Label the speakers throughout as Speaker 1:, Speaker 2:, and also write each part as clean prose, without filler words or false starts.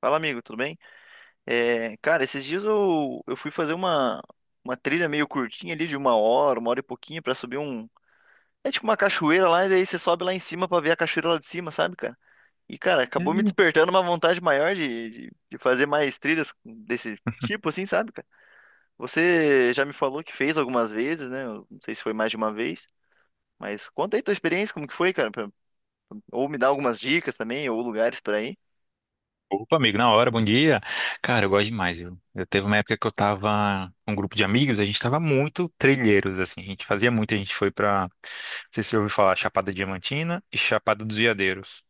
Speaker 1: Fala, amigo, tudo bem? É, cara, esses dias eu fui fazer uma trilha meio curtinha ali, de uma hora e pouquinho, pra subir um. É tipo uma cachoeira lá, e daí você sobe lá em cima pra ver a cachoeira lá de cima, sabe, cara? E, cara, acabou me
Speaker 2: Hum.
Speaker 1: despertando uma vontade maior de fazer mais trilhas desse tipo, assim, sabe, cara? Você já me falou que fez algumas vezes, né? Eu não sei se foi mais de uma vez, mas conta aí tua experiência, como que foi, cara? Ou me dá algumas dicas também, ou lugares pra ir.
Speaker 2: Opa, amigo, na hora, bom dia. Cara, eu gosto demais, viu? Eu teve uma época que eu tava com um grupo de amigos, a gente tava muito trilheiros, assim, a gente fazia muito, a gente foi pra, não sei se você ouviu falar, Chapada Diamantina e Chapada dos Veadeiros.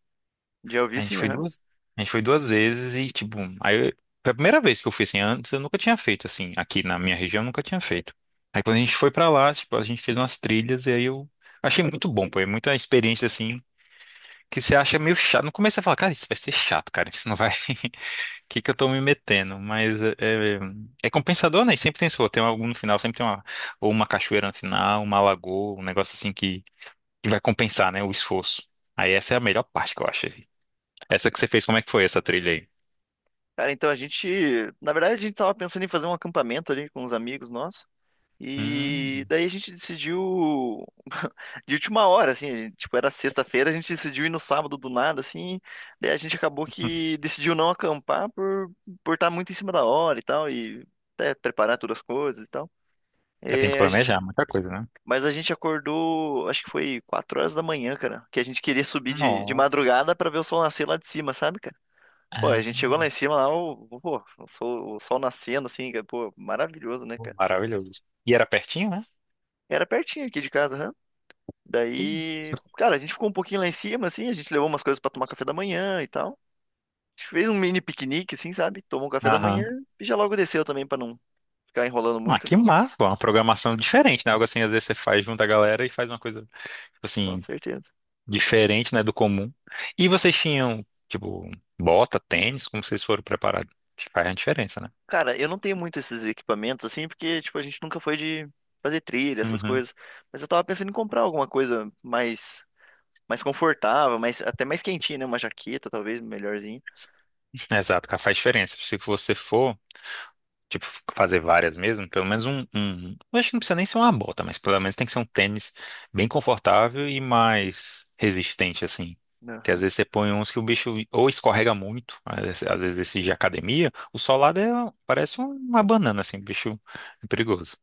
Speaker 1: Já ouvi,
Speaker 2: A gente
Speaker 1: sim.
Speaker 2: foi duas, a gente foi duas vezes e, tipo, foi a primeira vez que eu fui, assim, antes eu nunca tinha feito, assim, aqui na minha região eu nunca tinha feito. Aí quando a gente foi pra lá, tipo, a gente fez umas trilhas e aí eu achei muito bom, pô, é muita experiência, assim, que você acha meio chato. No começo você fala, cara, isso vai ser chato, cara, isso não vai. Que eu tô me metendo? Mas é compensador, né? E sempre tem, sei lá, tem algo no final, sempre tem ou uma cachoeira no final, uma lagoa, um negócio assim que vai compensar, né? O esforço. Aí essa é a melhor parte que eu acho, assim. Essa que você fez, como é que foi essa trilha aí?
Speaker 1: Cara, então a gente, na verdade a gente tava pensando em fazer um acampamento ali com uns amigos nossos. E
Speaker 2: Hum.
Speaker 1: daí a gente decidiu de última hora, assim, tipo, era sexta-feira, a gente decidiu ir no sábado do nada, assim. Daí a gente acabou que decidiu não acampar por estar muito em cima da hora e tal e até preparar todas as coisas e tal.
Speaker 2: É, tem que
Speaker 1: É, a gente,
Speaker 2: planejar muita coisa, né?
Speaker 1: mas a gente acordou, acho que foi 4 horas da manhã, cara, que a gente queria subir de
Speaker 2: Nossa.
Speaker 1: madrugada pra ver o sol nascer lá de cima, sabe, cara? Pô, a
Speaker 2: Ah,
Speaker 1: gente chegou lá em cima, lá, o, pô, o sol nascendo, assim, cara, pô, maravilhoso, né,
Speaker 2: pô,
Speaker 1: cara?
Speaker 2: maravilhoso. E era pertinho, né?
Speaker 1: Era pertinho aqui de casa, né?
Speaker 2: Sim.
Speaker 1: Daí, cara, a gente ficou um pouquinho lá em cima, assim, a gente levou umas coisas pra tomar café da manhã e tal. A gente fez um mini piquenique, assim, sabe? Tomou um café da manhã
Speaker 2: Aham.
Speaker 1: e já logo desceu também pra não ficar enrolando
Speaker 2: Ah,
Speaker 1: muito, né?
Speaker 2: que massa, pô, uma programação diferente, né? Algo assim, às vezes você faz junto a galera e faz uma coisa, tipo
Speaker 1: Com
Speaker 2: assim,
Speaker 1: certeza.
Speaker 2: diferente, né, do comum. E vocês tinham, tipo, bota, tênis, como vocês foram preparados? Que faz a diferença, né?
Speaker 1: Cara, eu não tenho muito esses equipamentos, assim, porque, tipo, a gente nunca foi de fazer trilha, essas
Speaker 2: Uhum.
Speaker 1: coisas. Mas eu tava pensando em comprar alguma coisa mais, mais confortável, mais, até mais quentinha, né? Uma jaqueta, talvez, melhorzinha.
Speaker 2: Exato, cara, faz diferença. Se você for, tipo, fazer várias mesmo, pelo menos um. Eu acho que não precisa nem ser uma bota, mas pelo menos tem que ser um tênis bem confortável e mais resistente, assim. Porque às
Speaker 1: Aham.
Speaker 2: vezes você põe uns que o bicho ou escorrega muito, às vezes esse de academia, o solado é, parece uma banana, assim, o bicho é perigoso.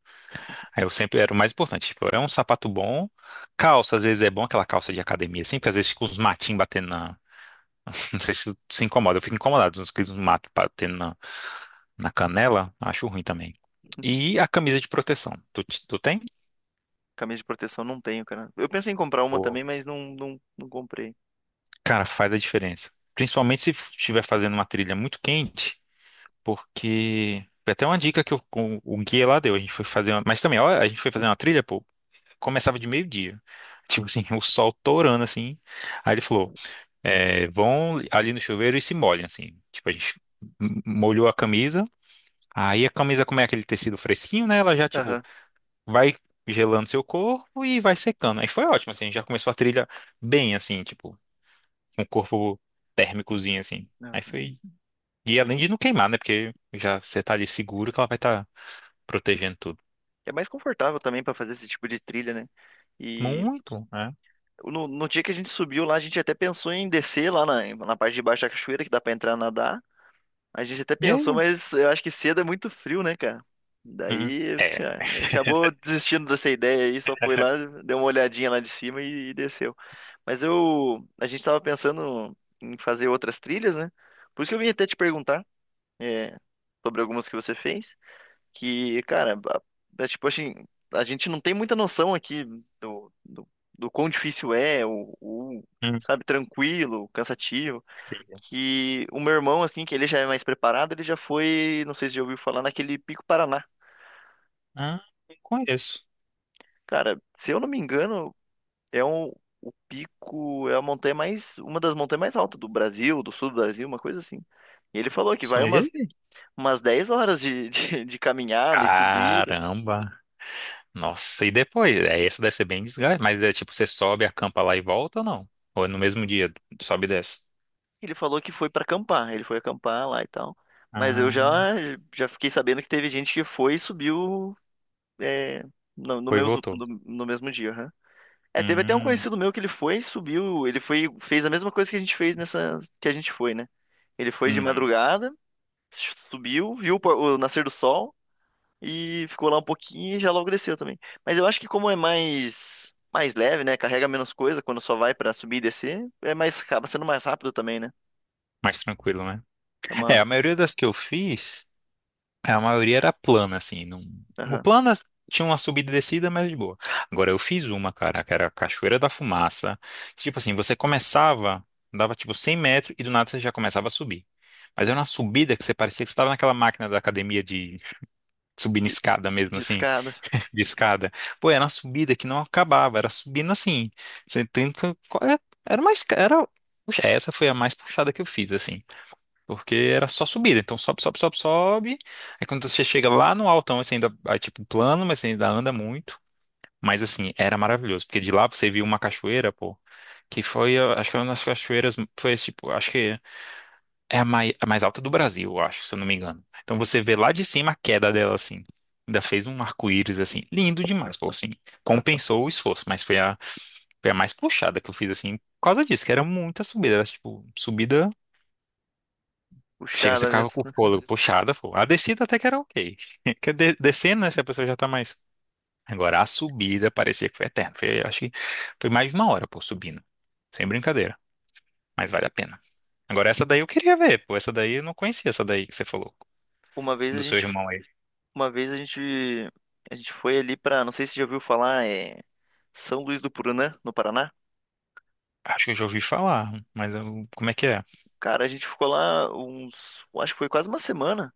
Speaker 2: Aí eu sempre era o mais importante. Tipo, é um sapato bom, calça, às vezes é bom aquela calça de academia, assim, porque às vezes fica uns matinhos batendo na. Não sei se tu se incomoda, eu fico incomodado com aqueles matos batendo na canela, acho ruim também. E a camisa de proteção, tu tem?
Speaker 1: Camisa de proteção não tenho, cara. Eu pensei em comprar uma
Speaker 2: Ou-
Speaker 1: também, mas não comprei.
Speaker 2: Cara, faz a diferença. Principalmente se estiver fazendo uma trilha muito quente, porque. Foi até uma dica que o guia lá deu, a gente foi fazer uma. Mas também, ó, a gente foi fazer uma trilha, pô, começava de meio-dia. Tipo assim, o sol torando assim. Aí ele falou. É, vão ali no chuveiro e se molham, assim. Tipo, a gente molhou a camisa, aí a camisa, como é aquele tecido fresquinho, né? Ela já, tipo,
Speaker 1: Aham.
Speaker 2: vai gelando seu corpo e vai secando. Aí foi ótimo, assim, já começou a trilha bem, assim, tipo, com o corpo térmicozinho, assim. Aí
Speaker 1: Aham.
Speaker 2: foi. E além de não queimar, né? Porque já você tá ali seguro que ela vai estar protegendo tudo.
Speaker 1: É mais confortável também pra fazer esse tipo de trilha, né? E
Speaker 2: Muito, né?
Speaker 1: no dia que a gente subiu lá, a gente até pensou em descer lá na parte de baixo da cachoeira, que dá pra entrar nadar. A gente até
Speaker 2: E
Speaker 1: pensou,
Speaker 2: aí?
Speaker 1: mas eu acho que cedo é muito frio, né, cara? Daí,
Speaker 2: É.
Speaker 1: assim, ah, acabou desistindo dessa ideia aí, só foi lá, deu uma olhadinha lá de cima e desceu. A gente tava pensando em fazer outras trilhas, né? Por isso que eu vim até te perguntar. É, sobre algumas que você fez, que, cara, é tipo assim, a gente não tem muita noção aqui do, do, do quão difícil é, tipo,
Speaker 2: Hum,
Speaker 1: sabe, tranquilo, cansativo,
Speaker 2: entendi.
Speaker 1: que o meu irmão, assim, que ele já é mais preparado, ele já foi, não sei se já ouviu falar, naquele Pico Paraná.
Speaker 2: Ah, não conheço.
Speaker 1: Cara, se eu não me engano, é um, o pico, é a montanha mais, uma das montanhas mais altas do Brasil, do sul do Brasil, uma coisa assim. E ele falou que
Speaker 2: Nossa,
Speaker 1: vai
Speaker 2: mas e aí?
Speaker 1: umas 10 horas de caminhada e subida.
Speaker 2: Caramba! Nossa, e depois? É, essa deve ser bem desgaste, mas é tipo, você sobe, acampa lá e volta ou não? Ou é no mesmo dia, sobe e desce?
Speaker 1: Ele falou que foi pra acampar, ele foi acampar lá e tal. Mas eu
Speaker 2: Ah,
Speaker 1: já fiquei sabendo que teve gente que foi e subiu é,
Speaker 2: foi e voltou.
Speaker 1: no mesmo dia, aham. É, teve até um
Speaker 2: Hum,
Speaker 1: conhecido meu que ele foi, subiu, ele foi, fez a mesma coisa que a gente fez nessa que a gente foi, né? Ele foi de
Speaker 2: uhum.
Speaker 1: madrugada, subiu, viu o nascer do sol e ficou lá um pouquinho e já logo desceu também. Mas eu acho que como é mais leve, né? Carrega menos coisa quando só vai pra subir e descer, é mais acaba sendo mais rápido também, né?
Speaker 2: Mais tranquilo, né?
Speaker 1: É
Speaker 2: É,
Speaker 1: uma,
Speaker 2: a maioria das que eu fiz, a maioria era plana, assim. Não. Tipo,
Speaker 1: aham.
Speaker 2: planas tinha uma subida e descida, mas de boa. Agora, eu fiz uma, cara, que era a Cachoeira da Fumaça. Que, tipo assim, você começava, dava tipo 100 metros e do nada você já começava a subir. Mas era uma subida que você parecia que você estava naquela máquina da academia de subindo escada mesmo,
Speaker 1: De
Speaker 2: assim,
Speaker 1: escada,
Speaker 2: de escada. Pô, era uma subida que não acabava, era subindo assim. Você tem que. Era mais. Era, puxa, essa foi a mais puxada que eu fiz, assim. Porque era só subida. Então sobe, sobe, sobe, sobe. Aí quando você chega lá no altão, você ainda. Aí, tipo, plano, mas você ainda anda muito. Mas assim, era maravilhoso. Porque de lá você viu uma cachoeira, pô. Que foi, eu acho que uma das cachoeiras. Foi tipo, acho que. É a mais alta do Brasil, eu acho, se eu não me engano. Então você vê lá de cima a queda dela, assim. Ainda fez um arco-íris, assim, lindo demais, pô, assim. Compensou o esforço, mas foi a mais puxada que eu fiz, assim, por causa disso, que era muita subida, era, tipo, subida. Chega, você
Speaker 1: puxada
Speaker 2: ficava
Speaker 1: mesmo,
Speaker 2: com o
Speaker 1: né?
Speaker 2: fôlego puxada, pô. A descida até que era ok. Descendo, né, se a pessoa já tá mais. Agora, a subida parecia que foi eterna. Foi, acho que foi mais de uma hora, pô, subindo. Sem brincadeira, mas vale a pena. Agora, essa daí eu queria ver, pô. Essa daí eu não conhecia, essa daí que você falou,
Speaker 1: Uma vez a
Speaker 2: do seu
Speaker 1: gente,
Speaker 2: irmão aí.
Speaker 1: uma vez a gente foi ali pra, não sei se já ouviu falar, é São Luís do Purunã, no Paraná.
Speaker 2: Acho que eu já ouvi falar, como é que é?
Speaker 1: Cara, a gente ficou lá uns, eu acho que foi quase uma semana.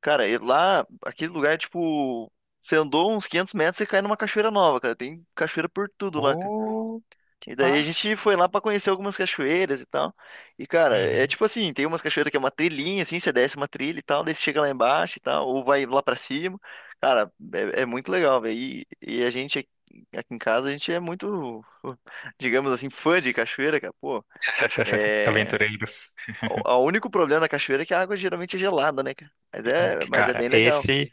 Speaker 1: Cara, e lá, aquele lugar, tipo, você andou uns 500 metros e cai numa cachoeira nova, cara. Tem cachoeira por tudo lá, cara.
Speaker 2: Ô, que
Speaker 1: E daí a
Speaker 2: massa.
Speaker 1: gente foi lá pra conhecer algumas cachoeiras e tal. E, cara, é
Speaker 2: Uhum.
Speaker 1: tipo assim, tem umas cachoeiras que é uma trilhinha, assim, você desce uma trilha e tal, daí você chega lá embaixo e tal, ou vai lá pra cima. Cara, é muito legal, velho. E a gente aqui em casa, a gente é muito, digamos assim, fã de cachoeira, cara. Pô, é...
Speaker 2: Aventureiros.
Speaker 1: O único problema da cachoeira é que a água geralmente é gelada, né, cara? Mas é
Speaker 2: Cara,
Speaker 1: bem legal.
Speaker 2: esse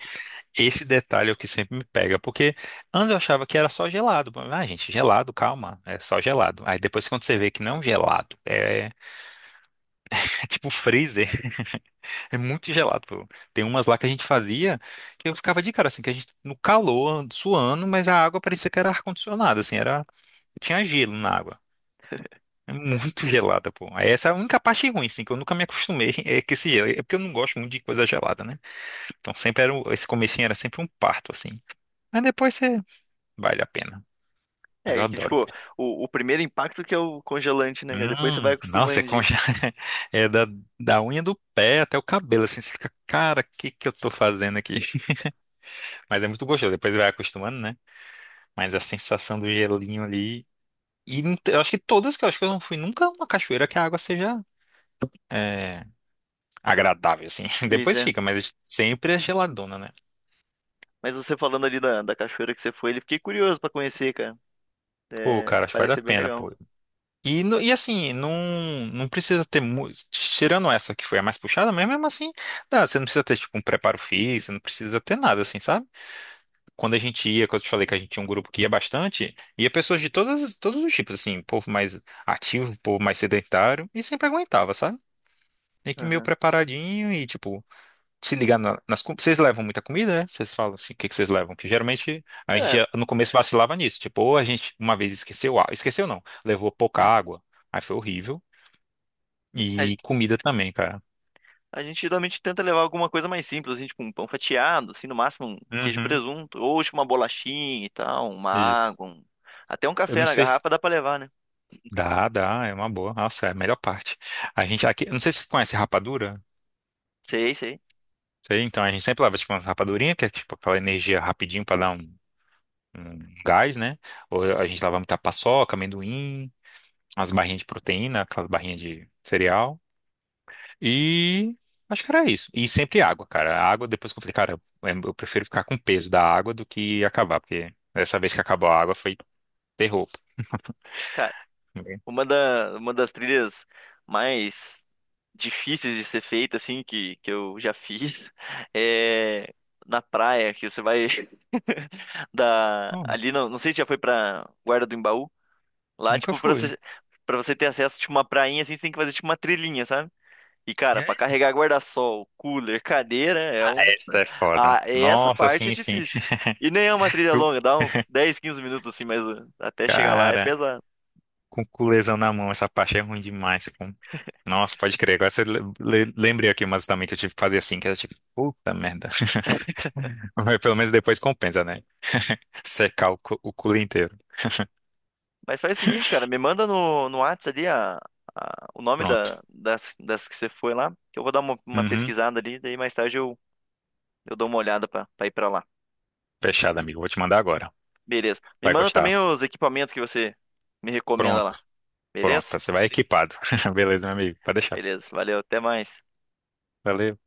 Speaker 2: esse detalhe é o que sempre me pega, porque antes eu achava que era só gelado. Ah, gente, gelado, calma, é só gelado. Aí depois quando você vê que não é um gelado, é tipo um freezer, é muito gelado, pô. Tem umas lá que a gente fazia que eu ficava de cara assim, que a gente no calor, suando, mas a água parecia que era ar-condicionado, assim, era tinha gelo na água. É muito gelada, pô. Essa é a única parte ruim, assim, que eu nunca me acostumei. É que esse gelo. É porque eu não gosto muito de coisa gelada, né? Então sempre era. Esse comecinho era sempre um parto, assim. Mas depois você. Vale a pena. Mas eu
Speaker 1: É que,
Speaker 2: adoro,
Speaker 1: tipo,
Speaker 2: pô.
Speaker 1: o primeiro impacto que é o congelante, né, cara? Depois você vai
Speaker 2: Nossa,
Speaker 1: acostumando, hein?
Speaker 2: é da unha do pé até o cabelo, assim, você fica, cara, o que que eu tô fazendo aqui? Mas é muito gostoso, depois vai acostumando, né? Mas a sensação do gelinho ali, e não te- eu acho que todas que eu acho que eu não fui nunca a uma cachoeira que a água seja é, agradável, assim.
Speaker 1: Pois
Speaker 2: Depois
Speaker 1: é.
Speaker 2: fica, mas sempre é geladona, né?
Speaker 1: Mas você falando ali da cachoeira que você foi, ele fiquei curioso pra conhecer, cara.
Speaker 2: Pô,
Speaker 1: É,
Speaker 2: cara, acho que vale
Speaker 1: parece
Speaker 2: a
Speaker 1: ser bem
Speaker 2: pena,
Speaker 1: legal.
Speaker 2: pô. E assim, não precisa ter muito. Tirando essa que foi a mais puxada, mas mesmo assim, dá, você não precisa ter, tipo, um preparo físico, não precisa ter nada, assim, sabe? Quando a gente ia, quando eu te falei que a gente tinha um grupo que ia bastante, ia pessoas de todos os tipos, assim, povo mais ativo, povo mais sedentário, e sempre aguentava, sabe? Tem que ir meio
Speaker 1: Aham.
Speaker 2: preparadinho e, tipo. Se ligar nas comidas. Vocês levam muita comida, né? Vocês falam assim, o que que vocês levam? Porque geralmente a gente
Speaker 1: Cara,
Speaker 2: já, no começo vacilava nisso. Tipo, ou a gente uma vez esqueceu, esqueceu não, levou pouca água, aí foi horrível.
Speaker 1: a,
Speaker 2: E comida também, cara.
Speaker 1: a gente geralmente tenta levar alguma coisa mais simples, assim, tipo um pão fatiado, assim, no máximo um queijo e
Speaker 2: Uhum,
Speaker 1: presunto, ou tipo uma bolachinha e tal, uma
Speaker 2: isso.
Speaker 1: água, até um
Speaker 2: Eu
Speaker 1: café
Speaker 2: não
Speaker 1: na
Speaker 2: sei.
Speaker 1: garrafa dá pra levar, né?
Speaker 2: Dá, dá, é uma boa. Nossa, é a melhor parte. A gente aqui, eu não sei se você conhece rapadura.
Speaker 1: Sei, sei.
Speaker 2: Sei, então a gente sempre leva tipo umas rapadurinhas, que é tipo aquela energia rapidinho pra dar um gás, né? Ou a gente leva muita paçoca, amendoim, umas barrinhas de proteína, aquelas barrinhas de cereal. E acho que era isso. E sempre água, cara. A água, depois que eu falei, cara, eu prefiro ficar com o peso da água do que acabar, porque dessa vez que acabou a água foi terror.
Speaker 1: Cara, uma das trilhas mais difíceis de ser feita, assim, que eu já fiz, é na praia, que você vai da,
Speaker 2: Bom,
Speaker 1: ali, não sei se já foi pra Guarda do Embaú, lá,
Speaker 2: nunca
Speaker 1: tipo,
Speaker 2: fui.
Speaker 1: pra você ter acesso, tipo, uma prainha, assim, você tem que fazer, tipo, uma trilhinha, sabe? E,
Speaker 2: E
Speaker 1: cara, pra
Speaker 2: aí?
Speaker 1: carregar guarda-sol, cooler, cadeira, é
Speaker 2: Ah,
Speaker 1: um...
Speaker 2: essa é foda.
Speaker 1: Ah, essa
Speaker 2: Nossa,
Speaker 1: parte é
Speaker 2: sim, sim.
Speaker 1: difícil. E nem é uma trilha
Speaker 2: O
Speaker 1: longa, dá uns 10, 15 minutos, assim, mas até chegar lá é
Speaker 2: Cara,
Speaker 1: pesado.
Speaker 2: com o culesão na mão, essa parte é ruim demais, pô. Nossa, pode crer. Agora você lembrei aqui umas também que eu tive que fazer assim, que era tipo, puta merda. Mas pelo menos depois compensa, né? Secar o culo inteiro.
Speaker 1: Mas faz o seguinte, cara, me manda no Whats ali a, o nome
Speaker 2: Pronto.
Speaker 1: da, das que você foi lá, que eu vou dar uma
Speaker 2: Uhum.
Speaker 1: pesquisada ali, daí mais tarde eu dou uma olhada pra, pra ir pra lá.
Speaker 2: Fechado, amigo. Vou te mandar agora.
Speaker 1: Beleza. Me
Speaker 2: Vai
Speaker 1: manda também
Speaker 2: gostar.
Speaker 1: os equipamentos que você me recomenda lá.
Speaker 2: Pronto, pronto.
Speaker 1: Beleza?
Speaker 2: Você vai equipado. Beleza, meu amigo. Pode deixar.
Speaker 1: Beleza. Valeu, até mais.
Speaker 2: Valeu.